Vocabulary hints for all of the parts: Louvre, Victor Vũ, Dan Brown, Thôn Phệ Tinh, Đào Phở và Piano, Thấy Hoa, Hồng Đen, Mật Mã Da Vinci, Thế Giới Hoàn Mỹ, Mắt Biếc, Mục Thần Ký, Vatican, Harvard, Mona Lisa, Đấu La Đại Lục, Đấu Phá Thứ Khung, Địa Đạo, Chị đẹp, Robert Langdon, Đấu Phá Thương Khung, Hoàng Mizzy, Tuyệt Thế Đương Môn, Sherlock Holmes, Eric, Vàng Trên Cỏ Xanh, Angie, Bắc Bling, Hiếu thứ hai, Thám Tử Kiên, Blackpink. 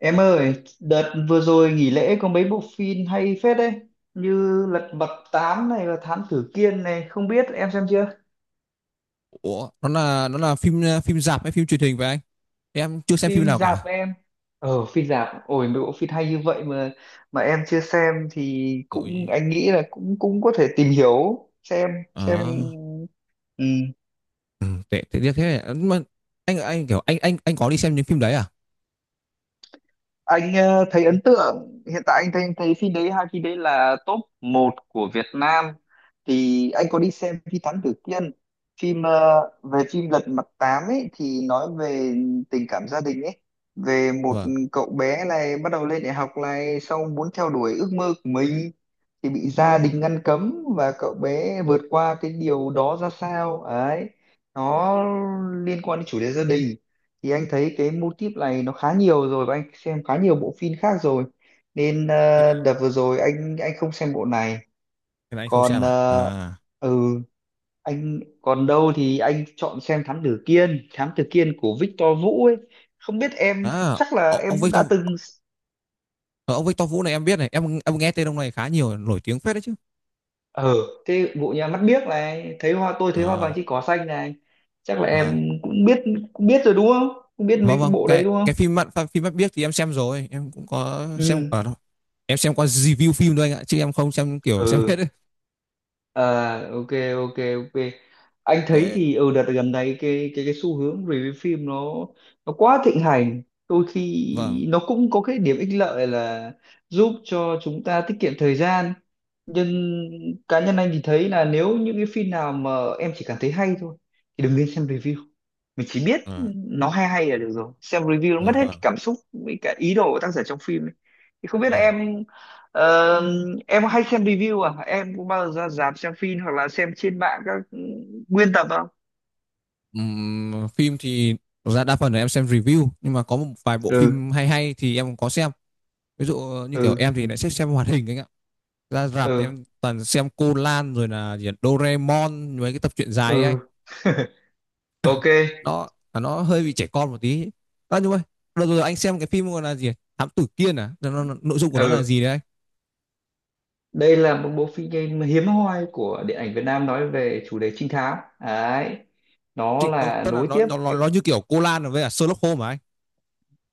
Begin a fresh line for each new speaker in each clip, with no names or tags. Em ơi, đợt vừa rồi nghỉ lễ có mấy bộ phim hay phết đấy, như Lật Mặt tám này và Thám Tử Kiên này, không biết em xem chưa?
Ủa, nó là phim phim rạp hay phim truyền hình vậy anh? Em chưa xem phim
Phim
nào
rạp
cả.
em. Ờ, phim rạp, ôi mấy bộ phim hay như vậy mà em chưa xem thì cũng
Ôi,
anh nghĩ là cũng cũng có thể tìm hiểu xem
à,
ừ.
ừ, tệ tệ tiếc thế. Ừ, mà anh kiểu anh có đi xem những phim đấy à?
Anh thấy ấn tượng, hiện tại anh thấy thấy phim đấy, hai phim đấy là top một của Việt Nam, thì anh có đi xem phim Thám Tử Kiên. Phim về phim Lật Mặt Tám ấy thì nói về tình cảm gia đình ấy, về một
Vâng.
cậu bé này bắt đầu lên đại học này, xong muốn theo đuổi ước mơ của mình thì bị gia đình ngăn cấm, và cậu bé vượt qua cái điều đó ra sao ấy, nó liên quan đến chủ đề gia đình. Thì anh thấy cái mô típ này nó khá nhiều rồi, và anh xem khá nhiều bộ phim khác rồi, nên
Thế là
đợt vừa rồi anh không xem bộ này.
thế là anh không
Còn
xem à? À.
ừ, anh còn đâu thì anh chọn xem Thám Tử Kiên, Thám Tử Kiên của Victor Vũ ấy, không biết em,
À,
chắc là
ô- ông
em đã
Victor
từng
ờ, ông Victor Vũ này em biết này, em nghe tên ông này khá nhiều, nổi tiếng phết đấy chứ.
ở cái bộ nhà mắt biếc này, thấy hoa, tôi thấy hoa vàng
À,
trên cỏ xanh này, chắc là
vâng.
em cũng biết, cũng biết rồi đúng không, cũng biết
Vâng,
mấy cái
vâng,
bộ đấy
cái
đúng không.
cái phim mắt biếc thì em xem rồi, em cũng có xem
Ừ.
ở đâu. Em xem qua review phim thôi anh ạ, chứ em không xem kiểu xem hết
Ừ.
đấy.
À, ok ok ok, anh thấy
Thế-
thì ở đợt gần đây cái cái xu hướng review phim nó quá thịnh hành. Đôi
Vâng.
khi nó cũng có cái điểm ích lợi là giúp cho chúng ta tiết kiệm thời gian, nhưng cá nhân anh thì thấy là nếu những cái phim nào mà em chỉ cảm thấy hay thôi thì đừng nên xem review, mình chỉ biết
À,
nó hay hay là được rồi, xem review nó
dạ
mất hết cái
vâng.
cảm xúc với cả ý đồ của tác giả trong phim ấy. Thì không biết là
Vâng.
em, ờ, em có hay xem review à, em có bao giờ ra rạp xem phim hoặc là xem trên mạng các nguyên tập không.
Phim thì thực ra đa phần là em xem review, nhưng mà có một vài bộ
Ừ.
phim hay hay thì em cũng có xem. Ví dụ như kiểu
Ừ.
em thì lại thích xem hoạt hình anh ạ, ra rạp thì
Ừ.
em toàn xem Cô Lan rồi là gì ạ, Doraemon, mấy cái tập truyện dài ấy anh.
Ừ. Ok.
Nó hơi bị trẻ con một tí, à, nhưng mà đợt rồi anh xem cái phim gọi là gì ạ? Thám Tử Kiên, à nội dung của nó là
Ừ,
gì đấy anh?
đây là một bộ phim game hiếm hoi của điện ảnh Việt Nam nói về chủ đề trinh thám đấy, nó
Chị,
là
tức là
nối
nó,
tiếp.
nó nó nó như kiểu Cô Lan với cả Sherlock Holmes mà anh.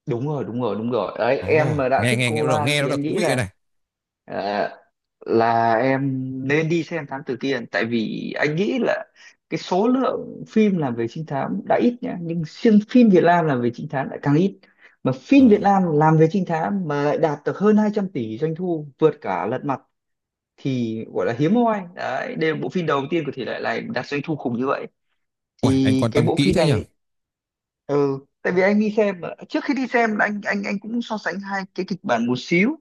Đúng rồi, đúng rồi, đúng rồi đấy, em
Ồ,
mà đã
nghe
thích
nghe nghe
cô
bắt đầu
Lan
nghe nó
thì anh
được, thú
nghĩ
vị rồi
là,
này.
ờ, là em nên đi xem Thám Tử Kiên, tại vì anh nghĩ là cái số lượng phim làm về trinh thám đã ít nhá, nhưng riêng phim Việt Nam làm về trinh thám lại càng ít, mà phim Việt
Ờ.
Nam làm về trinh thám mà lại đạt được hơn 200 tỷ doanh thu, vượt cả Lật Mặt, thì gọi là hiếm hoi đấy, đây là bộ phim đầu tiên của thể loại này đạt doanh thu khủng như vậy.
Ôi, anh
Thì
quan
cái
tâm
bộ
kỹ
phim
thế nhỉ.
này, ừ, tại vì anh đi xem mà. Trước khi đi xem là anh cũng so sánh hai cái kịch bản một xíu,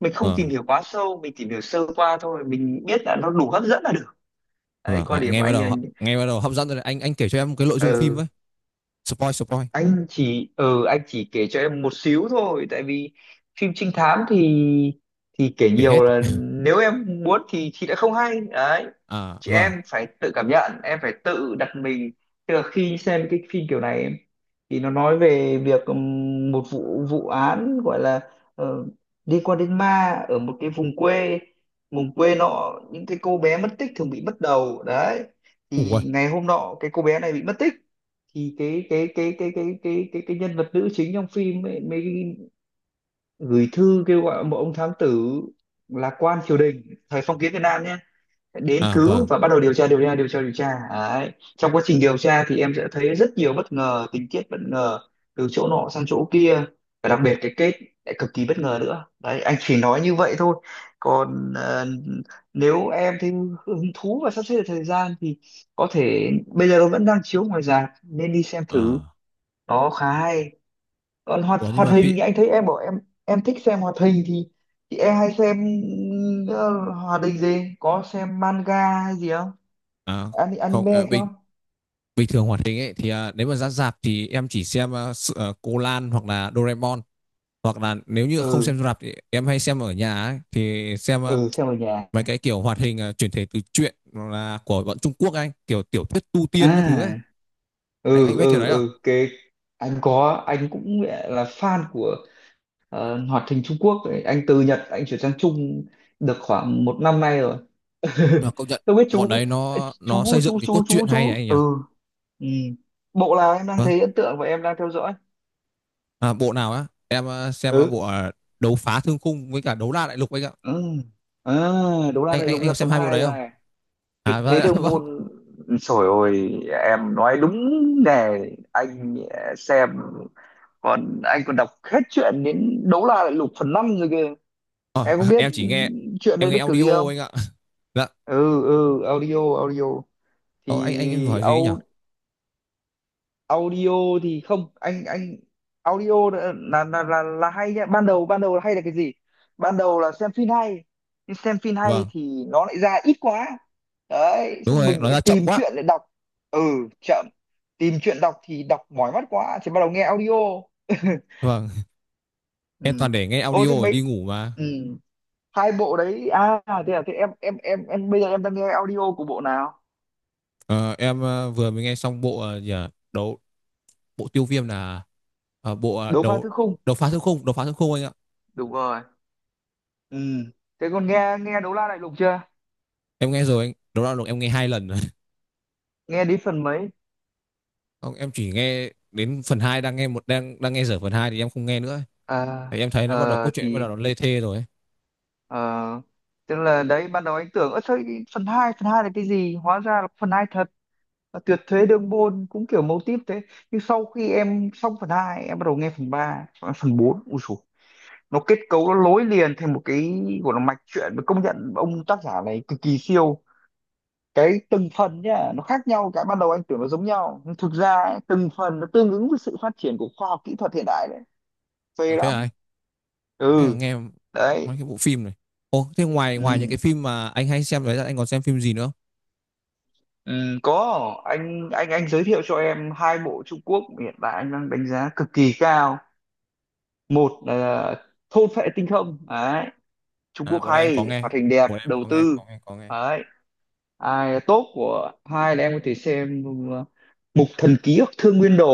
mình không tìm
Ờ.
hiểu quá sâu, mình tìm hiểu sơ qua thôi, mình biết là nó đủ hấp dẫn là được. Đấy
Vâng,
quan
à,
điểm của anh là,
nghe bắt đầu hấp dẫn rồi đấy. Anh kể cho em cái nội dung phim
ừ,
với. Spoil spoil,
anh chỉ, ừ, anh chỉ kể cho em một xíu thôi, tại vì phim trinh thám thì kể
kể
nhiều
hết.
là, nếu em muốn thì đã không hay đấy.
À
Chị
vâng.
em phải tự cảm nhận, em phải tự đặt mình, tức là khi xem cái phim kiểu này ấy, thì nó nói về việc một vụ vụ án gọi là ờ, liên quan đến ma ở một cái vùng quê, vùng quê nọ những cái cô bé mất tích thường bị mất đầu đấy,
Ủa.
thì ngày hôm nọ cái cô bé này bị mất tích, thì cái nhân vật nữ chính trong phim ấy, mới gửi thư kêu gọi một ông thám tử, là quan triều đình thời phong kiến Việt Nam nhé, đến
À
cứu
vâng.
và bắt đầu điều tra. Đấy. Trong quá trình điều tra thì em sẽ thấy rất nhiều bất ngờ, tình tiết bất ngờ từ chỗ nọ sang chỗ kia, và đặc biệt cái kết lại cực kỳ bất ngờ nữa đấy, anh chỉ nói như vậy thôi. Còn nếu em thấy hứng thú và sắp xếp được thời gian thì có thể, bây giờ nó vẫn đang chiếu ngoài rạp nên đi xem thử,
À
đó khá hay. Còn hoạt
ủa, nhưng
hoạt
mà
hình
phim,
thì anh thấy em bảo em thích xem hoạt hình thì em hay xem, hoạt hình gì, có xem manga hay gì không,
à
Ani-
không, à,
anime
bình
không.
bình thường hoạt hình ấy thì, nếu mà ra rạp thì em chỉ xem, Cô Lan hoặc là Doraemon, hoặc là nếu như không
Ừ.
xem rạp thì em hay xem ở nhà ấy, thì xem
Ừ, xem ở nhà
mấy cái kiểu hoạt hình, chuyển thể từ truyện, hoặc là của bọn Trung Quốc anh, kiểu tiểu thuyết tu tiên các thứ ấy.
à.
Anh
Ừ
biết kiểu
ừ
đấy không?
ừ, cái anh có, anh cũng là fan của hoạt hình Trung Quốc ấy. Anh từ Nhật anh chuyển sang Trung được khoảng một năm nay rồi.
Mà công nhận
Tôi biết
bọn
chú,
đấy nó
chú
xây dựng
chú
cái
chú
cốt
chú
truyện hay ấy
chú
anh nhỉ?
ừ. Ừ. Bộ nào em đang
Vâng.
thấy ấn tượng và em đang theo dõi.
À, bộ nào á? Em xem
Ừ.
bộ đấu phá thương khung với cả đấu la đại lục anh ạ.
Ừ. À, đấu la
Anh
đại
anh
lục
anh có
ra
xem
phần
hai bộ
2
đấy
rồi
không?
này, tuyệt
À
thế
vâng,
đường
vâng.
môn, trời ơi em nói đúng nè. Anh, à, xem, còn anh còn đọc hết chuyện đến đấu la đại lục phần 5 rồi kìa,
Ờ,
em có biết
em chỉ nghe
chuyện
Em
đây
nghe
nó kiểu gì
audio
không.
anh ạ. Dạ.
Ừ ừ, audio audio,
Ờ, anh em
thì
hỏi gì ấy nhỉ?
audio audio thì không, anh audio là là hay nhá, ban đầu, ban đầu là hay là cái gì, ban đầu là xem phim hay, nhưng xem phim hay
Vâng.
thì nó lại ra ít quá đấy,
Đúng
xong
rồi,
mình
nói
lại
ra chậm
tìm
quá.
chuyện để đọc. Ừ, chậm, tìm chuyện đọc thì đọc mỏi mắt quá thì bắt đầu nghe audio.
Vâng,
Ừ.
em toàn để nghe
Ô
audio
thế
để
mấy,
đi ngủ mà.
ừ, hai bộ đấy à, thế à, thế em bây giờ em đang nghe audio của bộ nào.
Ờ, em vừa mới nghe xong bộ, ờ, gì à? Đấu bộ tiêu viêm, là bộ, ờ,
Đấu pha
đấu
thứ khung,
đấu phá thương khung anh ạ.
đúng rồi. Ừ, thế còn nghe, nghe đấu la đại lục chưa,
Em nghe rồi anh, đấu la lục em nghe hai lần rồi.
nghe đến phần mấy.
Không, em chỉ nghe đến phần hai, đang nghe một, đang đang nghe dở phần 2 thì em không nghe nữa.
À,
Thì em thấy nó bắt đầu, cốt truyện bắt
thì,
đầu nó lê thê rồi ấy.
ờ, tức là đấy ban đầu anh tưởng ớt sao cái phần hai, phần 2 là cái gì, hóa ra là phần 2 thật, và tuyệt thế đương môn cũng kiểu mâu típ thế, nhưng sau khi em xong phần hai, em bắt đầu nghe phần 3, phần bốn, ui dồi, nó kết cấu nó nối liền thành một cái gọi là mạch truyện, và công nhận ông tác giả này cực kỳ siêu, cái từng phần nhá nó khác nhau. Cái ban đầu anh tưởng nó giống nhau nhưng thực ra ấy, từng phần nó tương ứng với sự phát triển của khoa học kỹ thuật hiện đại đấy,
Ờ.
phê lắm.
Thế là
Ừ.
nghe
Đấy.
mấy cái bộ phim này. Ồ, thế ngoài ngoài những cái
Ừ.
phim mà anh hay xem đấy ra, anh còn xem phim gì nữa không?
Ừ, có, anh giới thiệu cho em hai bộ Trung Quốc hiện tại anh đang đánh giá cực kỳ cao. Một là thôn phệ tinh không đấy, Trung
À,
Quốc
bộ này em có
hay,
nghe.
hoạt hình đẹp,
Bộ này em
đầu
có nghe,
tư.
có nghe, có nghe.
Đấy ai tốt của, hai là em có thể xem uh, Mục Thần Ký hoặc Thương Nguyên Đồ,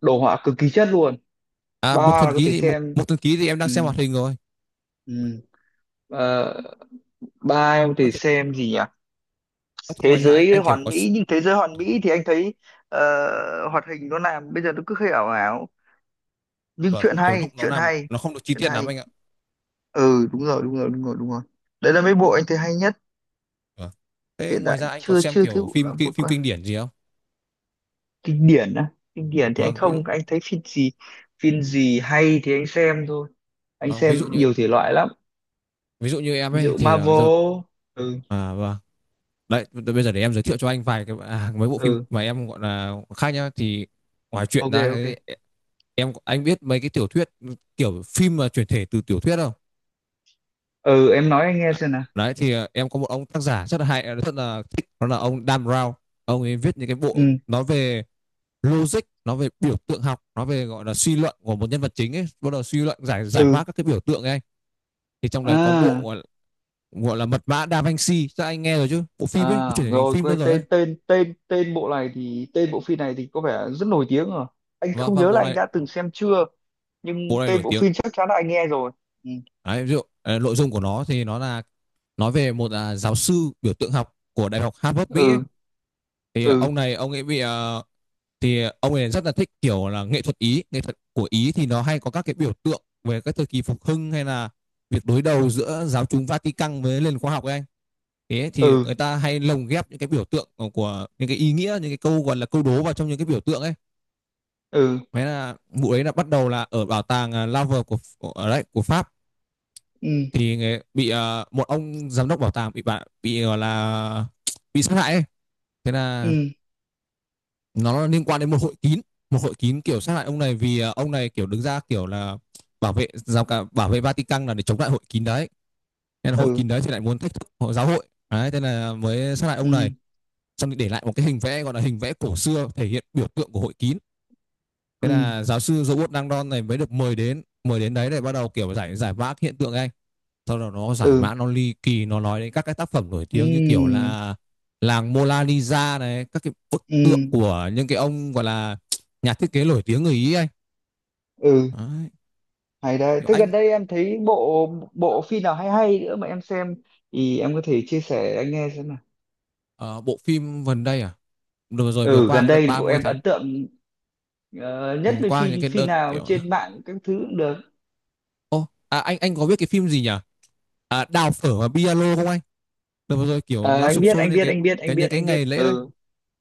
đồ họa cực kỳ chất luôn.
À, Mục
Ba
Thần
là có
Ký
thể
thì
xem,
Mục Thần Ký thì em đang
ừ,
xem hoạt hình rồi.
ừ, ờ, ba em có
Ờ,
thể
thế,
xem gì nhỉ,
ờ, Thế
Thế
ngoài ra anh
giới
anh kiểu
hoàn
có s-.
mỹ, nhưng thế giới hoàn mỹ thì anh thấy ờ, hoạt hình nó làm bây giờ nó cứ hơi ảo ảo, nhưng
Vâng,
chuyện
nhiều
hay,
lúc nó
chuyện
làm
hay,
nó không được chi
chuyện
tiết lắm
hay.
anh ạ.
Ừ, đúng rồi đúng rồi đúng rồi đúng rồi, đấy là mấy bộ anh thấy hay nhất
Vâng. Thế
hiện
ngoài
tại,
ra anh có
chưa
xem
chưa thấy
kiểu
bộ nào vượt
phim
qua.
kinh điển gì không?
Kinh điển á, kinh điển thì anh
Vâng, ví dụ
không, anh thấy phim gì, phim gì hay thì anh xem thôi, anh
ờ, ví
xem
dụ như
nhiều thể loại lắm,
ví dụ như em
ví
ấy
dụ
thì, giờ,
Marvel. Ừ.
à vâng. Đấy, bây giờ để em giới thiệu cho anh vài cái, mấy bộ phim
Ừ,
mà em gọi là khác nhá, thì ngoài chuyện
ok
ra
ok.
ấy, anh biết mấy cái tiểu thuyết, kiểu phim mà chuyển thể từ tiểu thuyết không?
Ừ, em nói anh nghe
À,
xem nào.
đấy thì, em có một ông tác giả rất là hay, rất là thích, đó là ông Dan Brown. Ông ấy viết những cái
Ừ.
bộ nói về logic, nói về biểu tượng học, nói về gọi là suy luận của một nhân vật chính ấy, bắt đầu suy luận giải giải
Ừ.
mã các cái biểu tượng ấy anh. Thì trong đấy có bộ
À.
gọi là mật mã Da Vinci, chắc anh nghe rồi chứ? Bộ phim ấy nó
À
chuyển thể thành
rồi,
phim
quên
luôn rồi ấy.
tên, tên bộ này, thì tên bộ phim này thì có vẻ rất nổi tiếng rồi, anh
Và,
không
và
nhớ là anh đã từng xem chưa, nhưng
bộ này nổi
tên bộ
tiếng.
phim chắc chắn là anh nghe rồi. Ừ.
Đấy, ví dụ nội dung của nó thì nó là nói về một, giáo sư biểu tượng học của Đại học Harvard Mỹ ấy.
Ừ.
Thì ông này ông ấy bị ờ, Thì ông ấy rất là thích kiểu là nghệ thuật Ý, nghệ thuật của Ý thì nó hay có các cái biểu tượng về các thời kỳ phục hưng, hay là việc đối đầu giữa giáo chúng Vatican với nền khoa học ấy anh. Thế thì
Ừ.
người ta hay lồng ghép những cái biểu tượng của những cái ý nghĩa, những cái câu gọi là câu đố vào trong những cái biểu tượng ấy.
Ừ.
Thế là vụ ấy là bắt đầu là ở bảo tàng, Louvre của, ở đấy của Pháp,
Ừ.
thì bị, một ông giám đốc bảo tàng bị bạn bị gọi là bị sát hại ấy. Thế là
Ừ.
nó liên quan đến một hội kín, kiểu sát hại ông này vì, ông này kiểu đứng ra kiểu là bảo vệ Vatican, là để chống lại hội kín đấy, nên là hội
Ừ.
kín đấy thì lại muốn thách thức giáo hội đấy, thế là mới sát hại ông
Ừ.
này. Xong thì để lại một cái hình vẽ gọi là hình vẽ cổ xưa thể hiện biểu tượng của hội kín, thế
Ừ.
là giáo sư Robert Langdon này mới được mời đến, đấy để bắt đầu kiểu giải giải mã hiện tượng ấy. Sau đó nó giải
Ừ.
mã nó ly kỳ, nó nói đến các cái tác phẩm nổi
Ừ.
tiếng như kiểu
Ừ.
là làng Mona Lisa này, các cái bức tượng
Ừ.
của những cái ông gọi là, nhà thiết kế nổi tiếng người Ý anh.
Ừ.
Đấy.
Hay đấy, thế gần
Anh,
đây em thấy bộ, bộ phim nào hay hay nữa mà em xem thì em có thể chia sẻ anh nghe xem nào.
ở bộ phim gần đây à, rồi rồi, vừa
Ừ,
qua
gần
cái đợt
đây
ba
bộ
mươi
em
tháng,
ấn tượng
ừ,
nhất với
qua những
phim,
cái
phim
đợt
nào
kiểu,
trên mạng các thứ cũng được.
ô à, anh có biết cái phim gì nhỉ, à, đào phở và piano không anh, rồi rồi kiểu
Ờ,
nó
anh
sục
biết,
sôi
anh
lên
biết
cái,
anh biết anh
những
biết
cái
anh biết,
ngày lễ đấy.
ừ.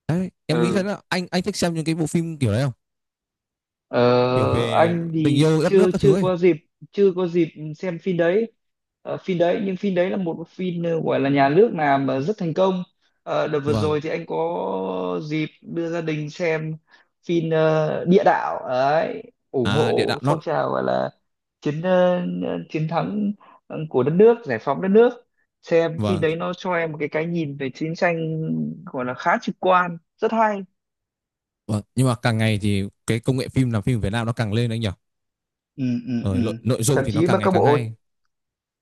Đấy em nghĩ, thế
Ừ.
là anh thích xem những cái bộ phim kiểu đấy không, kiểu
Ờ,
về
anh
tình
thì
yêu đất nước
chưa
các thứ
chưa
ấy.
có dịp, chưa có dịp xem phim đấy. Ờ, phim đấy, nhưng phim đấy là một phim gọi là nhà nước làm mà rất thành công. Ờ, đợt vừa
Vâng,
rồi thì anh có dịp đưa gia đình xem phim, Địa Đạo ấy, ủng
à, địa
hộ
đạo nó.
phong trào gọi là chiến, ờ, chiến thắng của đất nước, giải phóng đất nước. Xem phim
Vâng,
đấy nó cho em một cái nhìn về chiến tranh gọi là khá trực quan, rất hay.
vâng. Nhưng mà càng ngày thì cái công nghệ phim, làm phim Việt Nam nó càng lên anh nhỉ?
Ừ ừ ừ,
Rồi nội, nội dung
thậm
thì nó
chí
càng
mà
ngày
các
càng
bộ,
hay.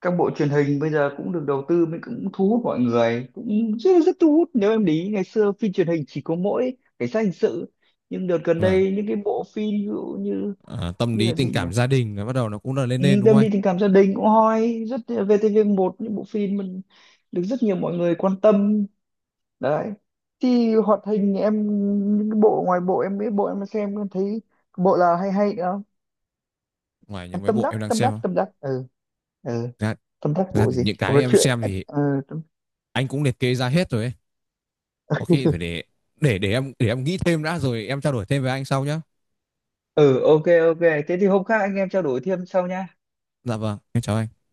các bộ truyền hình bây giờ cũng được đầu tư mới, cũng thu hút mọi người, cũng rất rất thu hút, nếu em để ý ngày xưa phim truyền hình chỉ có mỗi cảnh sát hình sự, nhưng đợt gần
Vâng.
đây những cái bộ phim ví dụ như,
À, tâm
như
lý
là
tình
gì nhỉ,
cảm gia đình nó bắt đầu nó cũng là lên
ừ,
lên đúng không
đêm
anh?
đi tình cảm gia đình cũng hoi rất, VTV1 những bộ phim mình được rất nhiều mọi người quan tâm. Đấy, thì hoạt hình em, những cái bộ ngoài bộ em, mấy bộ em xem em thấy bộ là hay hay nữa,
Ngoài
em
những mấy
tâm
bộ
đắc
em đang
tâm
xem
đắc
á,
tâm đắc, ừ. Ừ.
ra,
Tâm đắc
ra
bộ
thì
gì
những
hoặc
cái
là
em
chuyện
xem thì
tâm...
anh cũng liệt kê ra hết rồi ấy. Có khi phải để, em, em nghĩ thêm đã rồi em trao đổi thêm với anh sau nhá.
Ừ, ok ok, thế thì hôm khác anh em trao đổi thêm sau nhá.
Dạ vâng, em chào anh.